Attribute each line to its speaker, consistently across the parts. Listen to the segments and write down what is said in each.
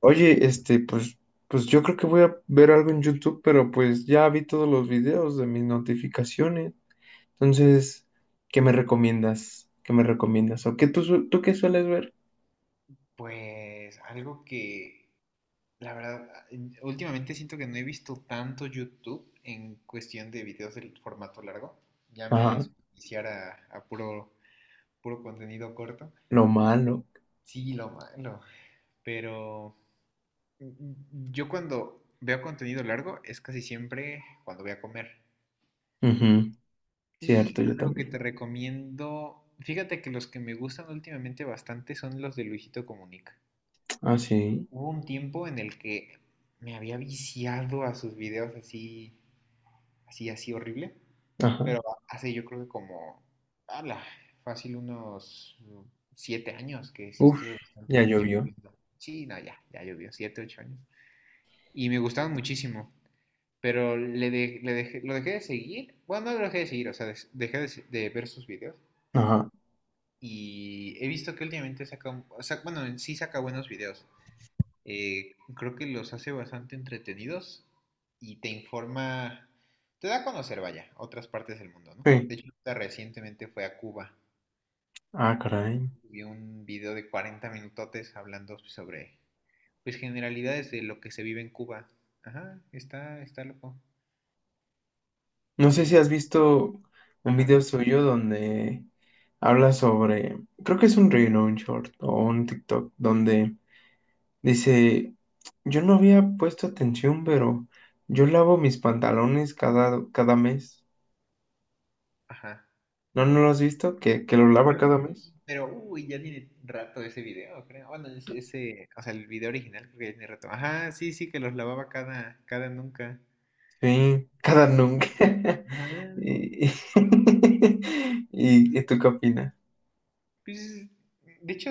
Speaker 1: Oye, pues yo creo que voy a ver algo en YouTube, pero pues ya vi todos los videos de mis notificaciones. Entonces, ¿qué me recomiendas? ¿Qué me recomiendas? ¿O qué tú qué sueles ver?
Speaker 2: Pues algo que, la verdad, últimamente siento que no he visto tanto YouTube en cuestión de videos del formato largo. Ya me
Speaker 1: Ajá,
Speaker 2: iniciar a puro, puro contenido corto.
Speaker 1: lo malo.
Speaker 2: Sí, lo malo. Pero yo cuando veo contenido largo es casi siempre cuando voy a comer.
Speaker 1: Ujú. Cierto,
Speaker 2: Y
Speaker 1: yo
Speaker 2: algo que
Speaker 1: también.
Speaker 2: te recomiendo, fíjate que los que me gustan últimamente bastante son los de Luisito Comunica.
Speaker 1: Ah, sí.
Speaker 2: Hubo un tiempo en el que me había viciado a sus videos así, así, así horrible.
Speaker 1: Ajá.
Speaker 2: Pero hace yo creo que como, ala, fácil unos 7 años que sí
Speaker 1: Uf,
Speaker 2: estuve
Speaker 1: ya
Speaker 2: bastante tiempo
Speaker 1: llovió.
Speaker 2: viendo. Sí, no, ya, ya llovió, 7, 8 años. Y me gustaban muchísimo. Pero le de- le dejé, lo dejé de seguir. Bueno, no lo dejé de seguir, o sea, dejé de ver sus videos.
Speaker 1: Ajá.
Speaker 2: Y he visto que últimamente saca, o sea, bueno, en sí saca buenos videos. Creo que los hace bastante entretenidos y te informa, te da a conocer, vaya, otras partes del mundo, ¿no?
Speaker 1: Sí.
Speaker 2: De hecho, ahorita recientemente fue a Cuba,
Speaker 1: Ah, caray.
Speaker 2: vi un video de 40 minutotes hablando sobre, pues, generalidades de lo que se vive en Cuba. Ajá, está loco.
Speaker 1: No sé si
Speaker 2: Y,
Speaker 1: has visto un
Speaker 2: ajá,
Speaker 1: video suyo donde habla sobre, creo que es un reel o un short o un TikTok, donde dice, yo no había puesto atención, pero yo lavo mis pantalones cada mes.
Speaker 2: ajá.
Speaker 1: ¿No, no lo has visto? ¿Que lo lava
Speaker 2: Creo que
Speaker 1: cada mes?
Speaker 2: sí, pero, uy, ya tiene rato ese video, creo. Bueno, ese, o sea, el video original creo que ya tiene rato. Ajá, sí, sí, que los lavaba cada nunca.
Speaker 1: Sí, cada nunca.
Speaker 2: Ajá.
Speaker 1: ¿Y, y,
Speaker 2: Sí,
Speaker 1: ¿y
Speaker 2: sí.
Speaker 1: tú qué opinas?
Speaker 2: Pues, de hecho,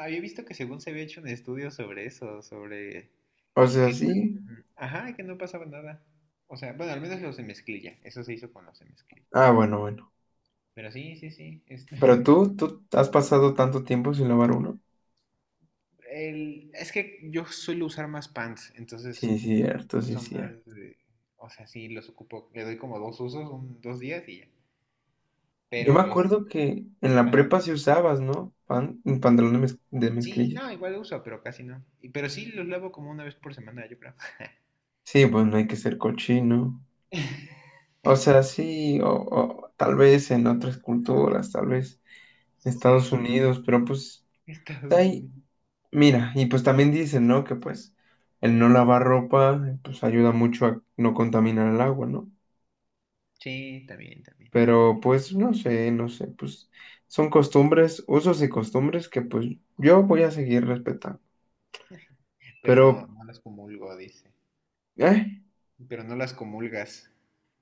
Speaker 2: había visto que según se había hecho un estudio sobre eso, sobre
Speaker 1: O sea,
Speaker 2: que,
Speaker 1: sí.
Speaker 2: ajá, que no pasaba nada. O sea, bueno, al menos los de mezclilla, eso se hizo con los de mezclilla.
Speaker 1: Ah, bueno, bueno.
Speaker 2: Pero sí, sí, sí. Es,
Speaker 1: Pero
Speaker 2: no,
Speaker 1: tú has pasado tanto tiempo sin lavar uno.
Speaker 2: es que yo suelo usar más pants, entonces
Speaker 1: Sí, cierto, sí,
Speaker 2: uso más
Speaker 1: cierto.
Speaker 2: o sea, sí, los ocupo, le doy como dos usos, 2 días y ya.
Speaker 1: Yo
Speaker 2: Pero
Speaker 1: me
Speaker 2: los,
Speaker 1: acuerdo que en la
Speaker 2: ajá,
Speaker 1: prepa sí usabas, ¿no? Pan, un pantalón de, de
Speaker 2: sí,
Speaker 1: mezclilla.
Speaker 2: no, igual uso, pero casi no. Pero sí los lavo como una vez por semana, yo creo.
Speaker 1: Sí, pues no hay que ser cochino. O sea, sí, o tal vez en otras culturas, tal vez en Estados
Speaker 2: Sí,
Speaker 1: Unidos, pero pues
Speaker 2: Estados
Speaker 1: ahí,
Speaker 2: Unidos.
Speaker 1: mira, y pues también dicen, ¿no? Que pues el no lavar ropa, pues ayuda mucho a no contaminar el agua, ¿no?
Speaker 2: Sí, también, también.
Speaker 1: Pero pues no sé, no sé, pues son costumbres, usos y costumbres que pues yo voy a seguir respetando.
Speaker 2: Pero
Speaker 1: Pero,
Speaker 2: no, no las comulgo, dice.
Speaker 1: ¿eh?
Speaker 2: Pero no las comulgas.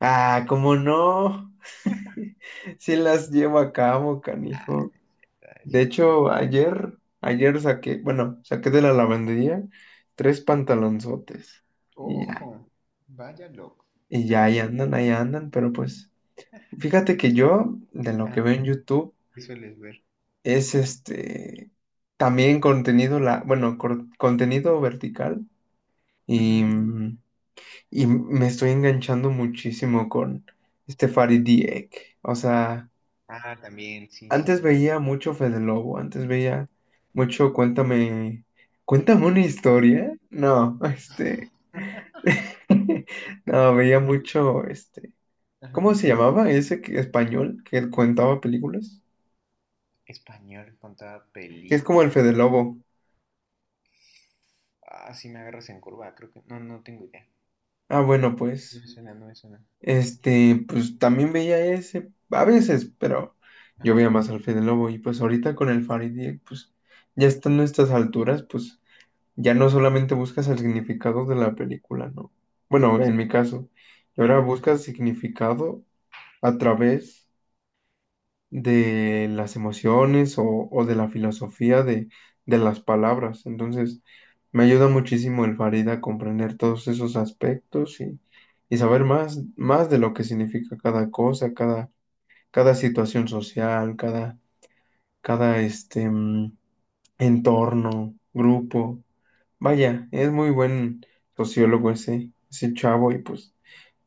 Speaker 1: Ah, ¿cómo no? Si las llevo a cabo,
Speaker 2: Ah,
Speaker 1: canijo.
Speaker 2: está, es
Speaker 1: De
Speaker 2: cierto.
Speaker 1: hecho, ayer saqué, bueno, saqué de la lavandería tres pantalonzotes. Y
Speaker 2: Ojo,
Speaker 1: ya,
Speaker 2: vaya loco.
Speaker 1: y ya
Speaker 2: No, pues,
Speaker 1: ahí andan, pero pues, fíjate que yo, de lo que
Speaker 2: ah,
Speaker 1: veo en YouTube,
Speaker 2: ¿qué sueles ver?
Speaker 1: es también contenido, la, bueno, contenido vertical.
Speaker 2: Ujú.
Speaker 1: Y, mm, y me estoy enganchando muchísimo con este Farid Dieck. O sea,
Speaker 2: Ah, también, sí, sí,
Speaker 1: antes
Speaker 2: sí,
Speaker 1: veía
Speaker 2: también.
Speaker 1: mucho Fede Lobo, antes veía mucho cuéntame, cuéntame una historia. No, veía mucho, este,
Speaker 2: Ajá.
Speaker 1: ¿cómo se llamaba ese español que contaba películas?
Speaker 2: Español con toda
Speaker 1: Que es como
Speaker 2: película.
Speaker 1: el Fede Lobo.
Speaker 2: Ah, sí me agarras en curva, creo que. No, no tengo idea.
Speaker 1: Ah, bueno,
Speaker 2: No
Speaker 1: pues,
Speaker 2: me suena, no me suena.
Speaker 1: pues también veía ese, a veces, pero yo veía
Speaker 2: Ajá,
Speaker 1: más al Fede Lobo y pues ahorita con el Farid Dieck, pues ya estando a estas alturas, pues ya no solamente buscas el significado de la película, ¿no? Bueno, en mi caso, y ahora
Speaker 2: ajá.
Speaker 1: buscas significado a través de las emociones o de la filosofía de las palabras. Entonces, me ayuda muchísimo el Farida a comprender todos esos aspectos y saber más de lo que significa cada cosa, cada, cada situación social, cada, cada entorno, grupo. Vaya, es muy buen sociólogo ese chavo y pues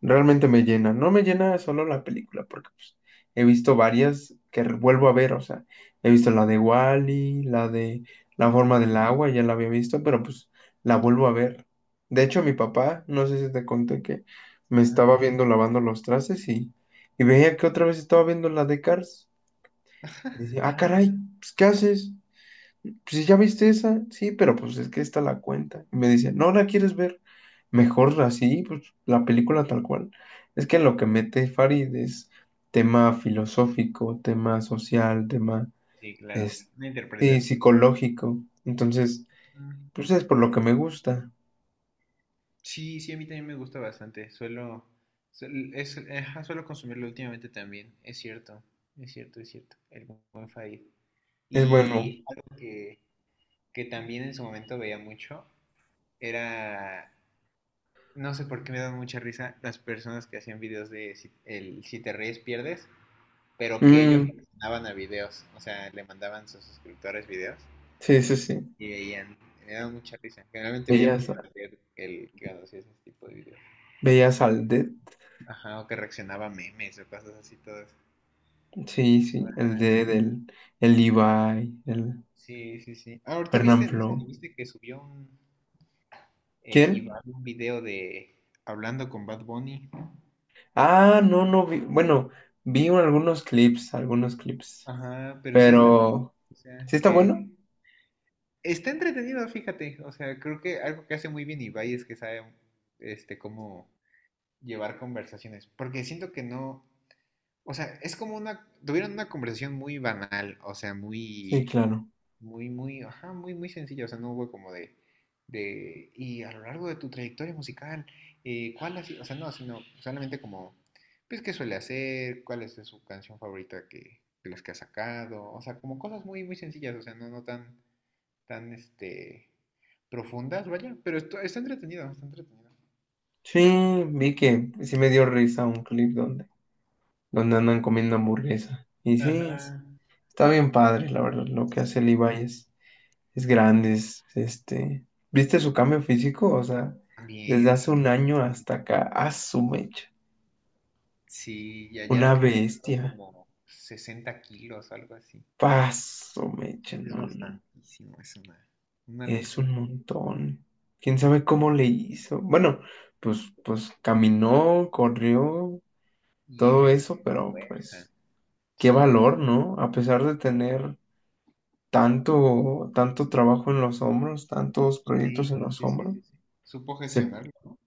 Speaker 1: realmente me llena. No me llena solo la película, porque pues, he visto varias que vuelvo a ver, o sea, he visto la de Wally, la de la forma
Speaker 2: Uh,
Speaker 1: del agua, ya la había visto, pero pues la vuelvo a ver. De hecho, mi papá, no sé si te conté que me
Speaker 2: ajá.
Speaker 1: estaba viendo lavando los trastes y veía que otra vez estaba viendo la de Cars. Y decía, ah,
Speaker 2: Ajá.
Speaker 1: caray, pues, ¿qué haces? Pues ya viste esa, sí, pero pues es que esta la cuenta. Y me dice, no la quieres ver, mejor así, pues la película tal cual. Es que lo que mete Farid es tema filosófico, tema social, tema
Speaker 2: Sí, claro.
Speaker 1: es,
Speaker 2: Una
Speaker 1: sí,
Speaker 2: interpretación.
Speaker 1: psicológico. Entonces, pues es por lo que me gusta.
Speaker 2: Sí, sí, a mí también me gusta bastante. Suelo, es, ajá, suelo consumirlo últimamente también. Es cierto, es cierto, es cierto. El buen Farid.
Speaker 1: Es bueno.
Speaker 2: Y algo que también en su momento veía mucho era, no sé por qué me dan mucha risa las personas que hacían videos de si, el si te ríes pierdes, pero que ellos
Speaker 1: Mm,
Speaker 2: mandaban a videos, o sea, le mandaban a sus suscriptores videos
Speaker 1: sí, sí, sí.
Speaker 2: y veían, me daban mucha risa. Generalmente veía
Speaker 1: Veías,
Speaker 2: mucho al ver el que cuando hacía ese tipo de videos.
Speaker 1: veías al Dead.
Speaker 2: Ajá, o que reaccionaba a memes o cosas así todas.
Speaker 1: Sí, sí,
Speaker 2: Todas
Speaker 1: el Dead,
Speaker 2: rancias.
Speaker 1: el Levi, el
Speaker 2: Sí, sí, sí. Ah, ahorita viste, no sé
Speaker 1: Fernanfloo.
Speaker 2: si viste que subió un
Speaker 1: ¿Quién?
Speaker 2: Iván un video de hablando con Bad Bunny.
Speaker 1: Ah, no, no vi. Bueno, vi algunos clips, algunos clips.
Speaker 2: Ajá, pero sí está muy bien.
Speaker 1: Pero,
Speaker 2: O sea,
Speaker 1: ¿sí está
Speaker 2: que
Speaker 1: bueno?
Speaker 2: está entretenido, fíjate. O sea, creo que algo que hace muy bien Ibai es que sabe este cómo llevar conversaciones. Porque siento que no. O sea, es como una. Tuvieron una conversación muy banal. O sea,
Speaker 1: Sí,
Speaker 2: muy.
Speaker 1: claro.
Speaker 2: Muy, muy, ajá, muy, muy sencillo. O sea, no hubo como de, y a lo largo de tu trayectoria musical, ¿cuál ha sido? O sea, no, sino solamente como, pues, ¿qué suele hacer? ¿Cuál es su canción favorita que, de las que ha sacado? O sea, como cosas muy, muy sencillas. O sea, no, no tan, tan, este, profundas, vaya. Pero esto, está entretenido, está entretenido.
Speaker 1: Sí, vi que sí me dio risa un clip donde, donde andan comiendo hamburguesa. Y sí,
Speaker 2: Ajá.
Speaker 1: está bien padre, la verdad, lo que hace
Speaker 2: Sí, sí.
Speaker 1: Levi es grande, es, este... ¿Viste su cambio físico? O sea, desde
Speaker 2: También, sí.
Speaker 1: hace un año
Speaker 2: También, sí.
Speaker 1: hasta acá, a su mecha.
Speaker 2: Sí, ya,
Speaker 1: Una
Speaker 2: ya creo que ha bajado
Speaker 1: bestia.
Speaker 2: como 60 kilos, algo así.
Speaker 1: Paso mecha,
Speaker 2: Sí, sí, es
Speaker 1: no.
Speaker 2: bastantísimo, es una
Speaker 1: Es
Speaker 2: locura.
Speaker 1: un montón. ¿Quién sabe
Speaker 2: Ujú.
Speaker 1: cómo le hizo? Bueno, pues, pues caminó, corrió,
Speaker 2: Y
Speaker 1: todo
Speaker 2: ejercita
Speaker 1: eso,
Speaker 2: tu
Speaker 1: pero
Speaker 2: fuerza.
Speaker 1: pues qué
Speaker 2: Sí,
Speaker 1: valor, ¿no? A pesar de tener tanto trabajo en los hombros, tantos proyectos
Speaker 2: sí,
Speaker 1: en los
Speaker 2: sí, sí,
Speaker 1: hombros,
Speaker 2: sí. Sí. Supo
Speaker 1: se
Speaker 2: gestionarlo, ¿no?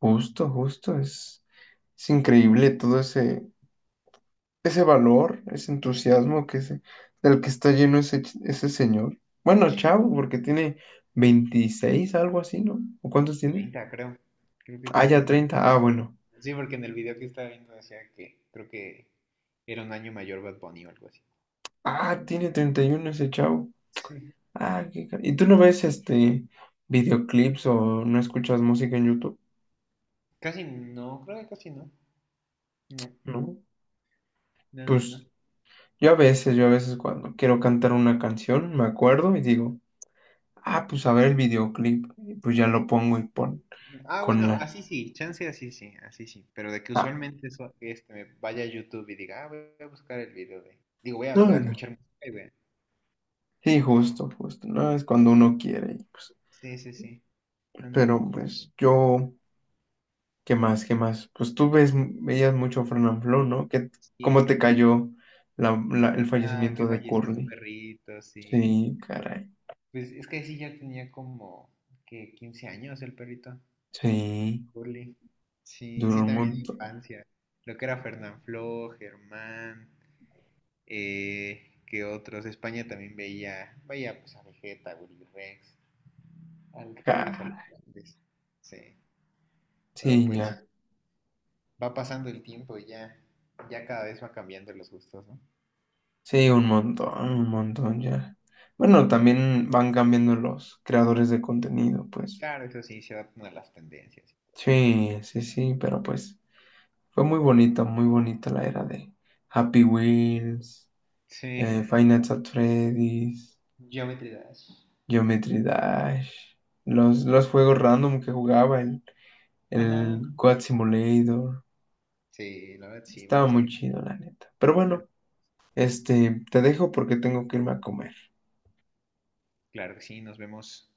Speaker 1: justo, justo, es increíble todo ese valor, ese entusiasmo del que está lleno ese señor. Bueno,
Speaker 2: Sí,
Speaker 1: chavo, porque tiene 26 algo así, ¿no? ¿O cuántos tiene?
Speaker 2: 30, creo. Creo que
Speaker 1: Ah, ya
Speaker 2: 30.
Speaker 1: 30. Ah, bueno.
Speaker 2: Sí, porque en el video que estaba viendo decía que creo que era un año mayor Bad Bunny o algo así.
Speaker 1: Ah, tiene 31 ese chavo.
Speaker 2: Sí.
Speaker 1: Ah, ¿y tú no ves este videoclips o no escuchas música en YouTube?
Speaker 2: Casi no, creo que casi no. No,
Speaker 1: ¿No?
Speaker 2: no, no, no.
Speaker 1: Pues yo a veces cuando quiero cantar una canción, me acuerdo y digo, ah, pues a ver el videoclip. Y pues ya lo pongo y pon
Speaker 2: No. Ah,
Speaker 1: con
Speaker 2: bueno,
Speaker 1: la.
Speaker 2: así sí, chance así sí, así sí. Pero de que
Speaker 1: Ah,
Speaker 2: usualmente eso, este, me vaya a YouTube y diga, ah, voy a buscar el video de. Digo, voy a,
Speaker 1: no,
Speaker 2: voy a
Speaker 1: no.
Speaker 2: escuchar música.
Speaker 1: Sí, justo, justo. No es cuando uno quiere. Y pues,
Speaker 2: Sí, sí, sí.
Speaker 1: pero
Speaker 2: Mm,
Speaker 1: pues yo. ¿Qué más? ¿Qué más? Pues tú ves, veías mucho Fran and Flow, ¿no? ¿Qué, cómo te
Speaker 2: sí.
Speaker 1: cayó el
Speaker 2: Ah, que
Speaker 1: fallecimiento de
Speaker 2: falleció su
Speaker 1: Curly?
Speaker 2: perrito, sí.
Speaker 1: Sí, caray.
Speaker 2: Pues es que sí, ya tenía como que 15 años el perrito,
Speaker 1: Sí,
Speaker 2: Curly. Sí,
Speaker 1: duró
Speaker 2: sí,
Speaker 1: un
Speaker 2: también de
Speaker 1: montón.
Speaker 2: infancia. Lo que era Fernanfloo, Germán, que otros. España también veía, veía pues a Vegeta, a Willy Rex, al Rubius, a los
Speaker 1: Caray.
Speaker 2: grandes. Sí, pero
Speaker 1: Sí, ya.
Speaker 2: pues va pasando el tiempo y ya, ya cada vez va cambiando los gustos, ¿no?
Speaker 1: Sí, un montón ya. Bueno, también van cambiando los creadores de contenido, pues.
Speaker 2: Claro, eso sí, se adaptan a las tendencias.
Speaker 1: Sí, sí, sí, pero pues fue muy bonita la era de Happy Wheels,
Speaker 2: Sí,
Speaker 1: Five Nights at Freddy's.
Speaker 2: Geometry Dash.
Speaker 1: Geometry Dash. Los juegos random que jugaba, el
Speaker 2: Ajá.
Speaker 1: God Simulator.
Speaker 2: Sí, la verdad, sí,
Speaker 1: Estaba
Speaker 2: buenos
Speaker 1: muy
Speaker 2: tiempos.
Speaker 1: chido, la neta. Pero
Speaker 2: Bueno,
Speaker 1: bueno, te dejo porque tengo que irme a comer.
Speaker 2: claro que sí, nos vemos.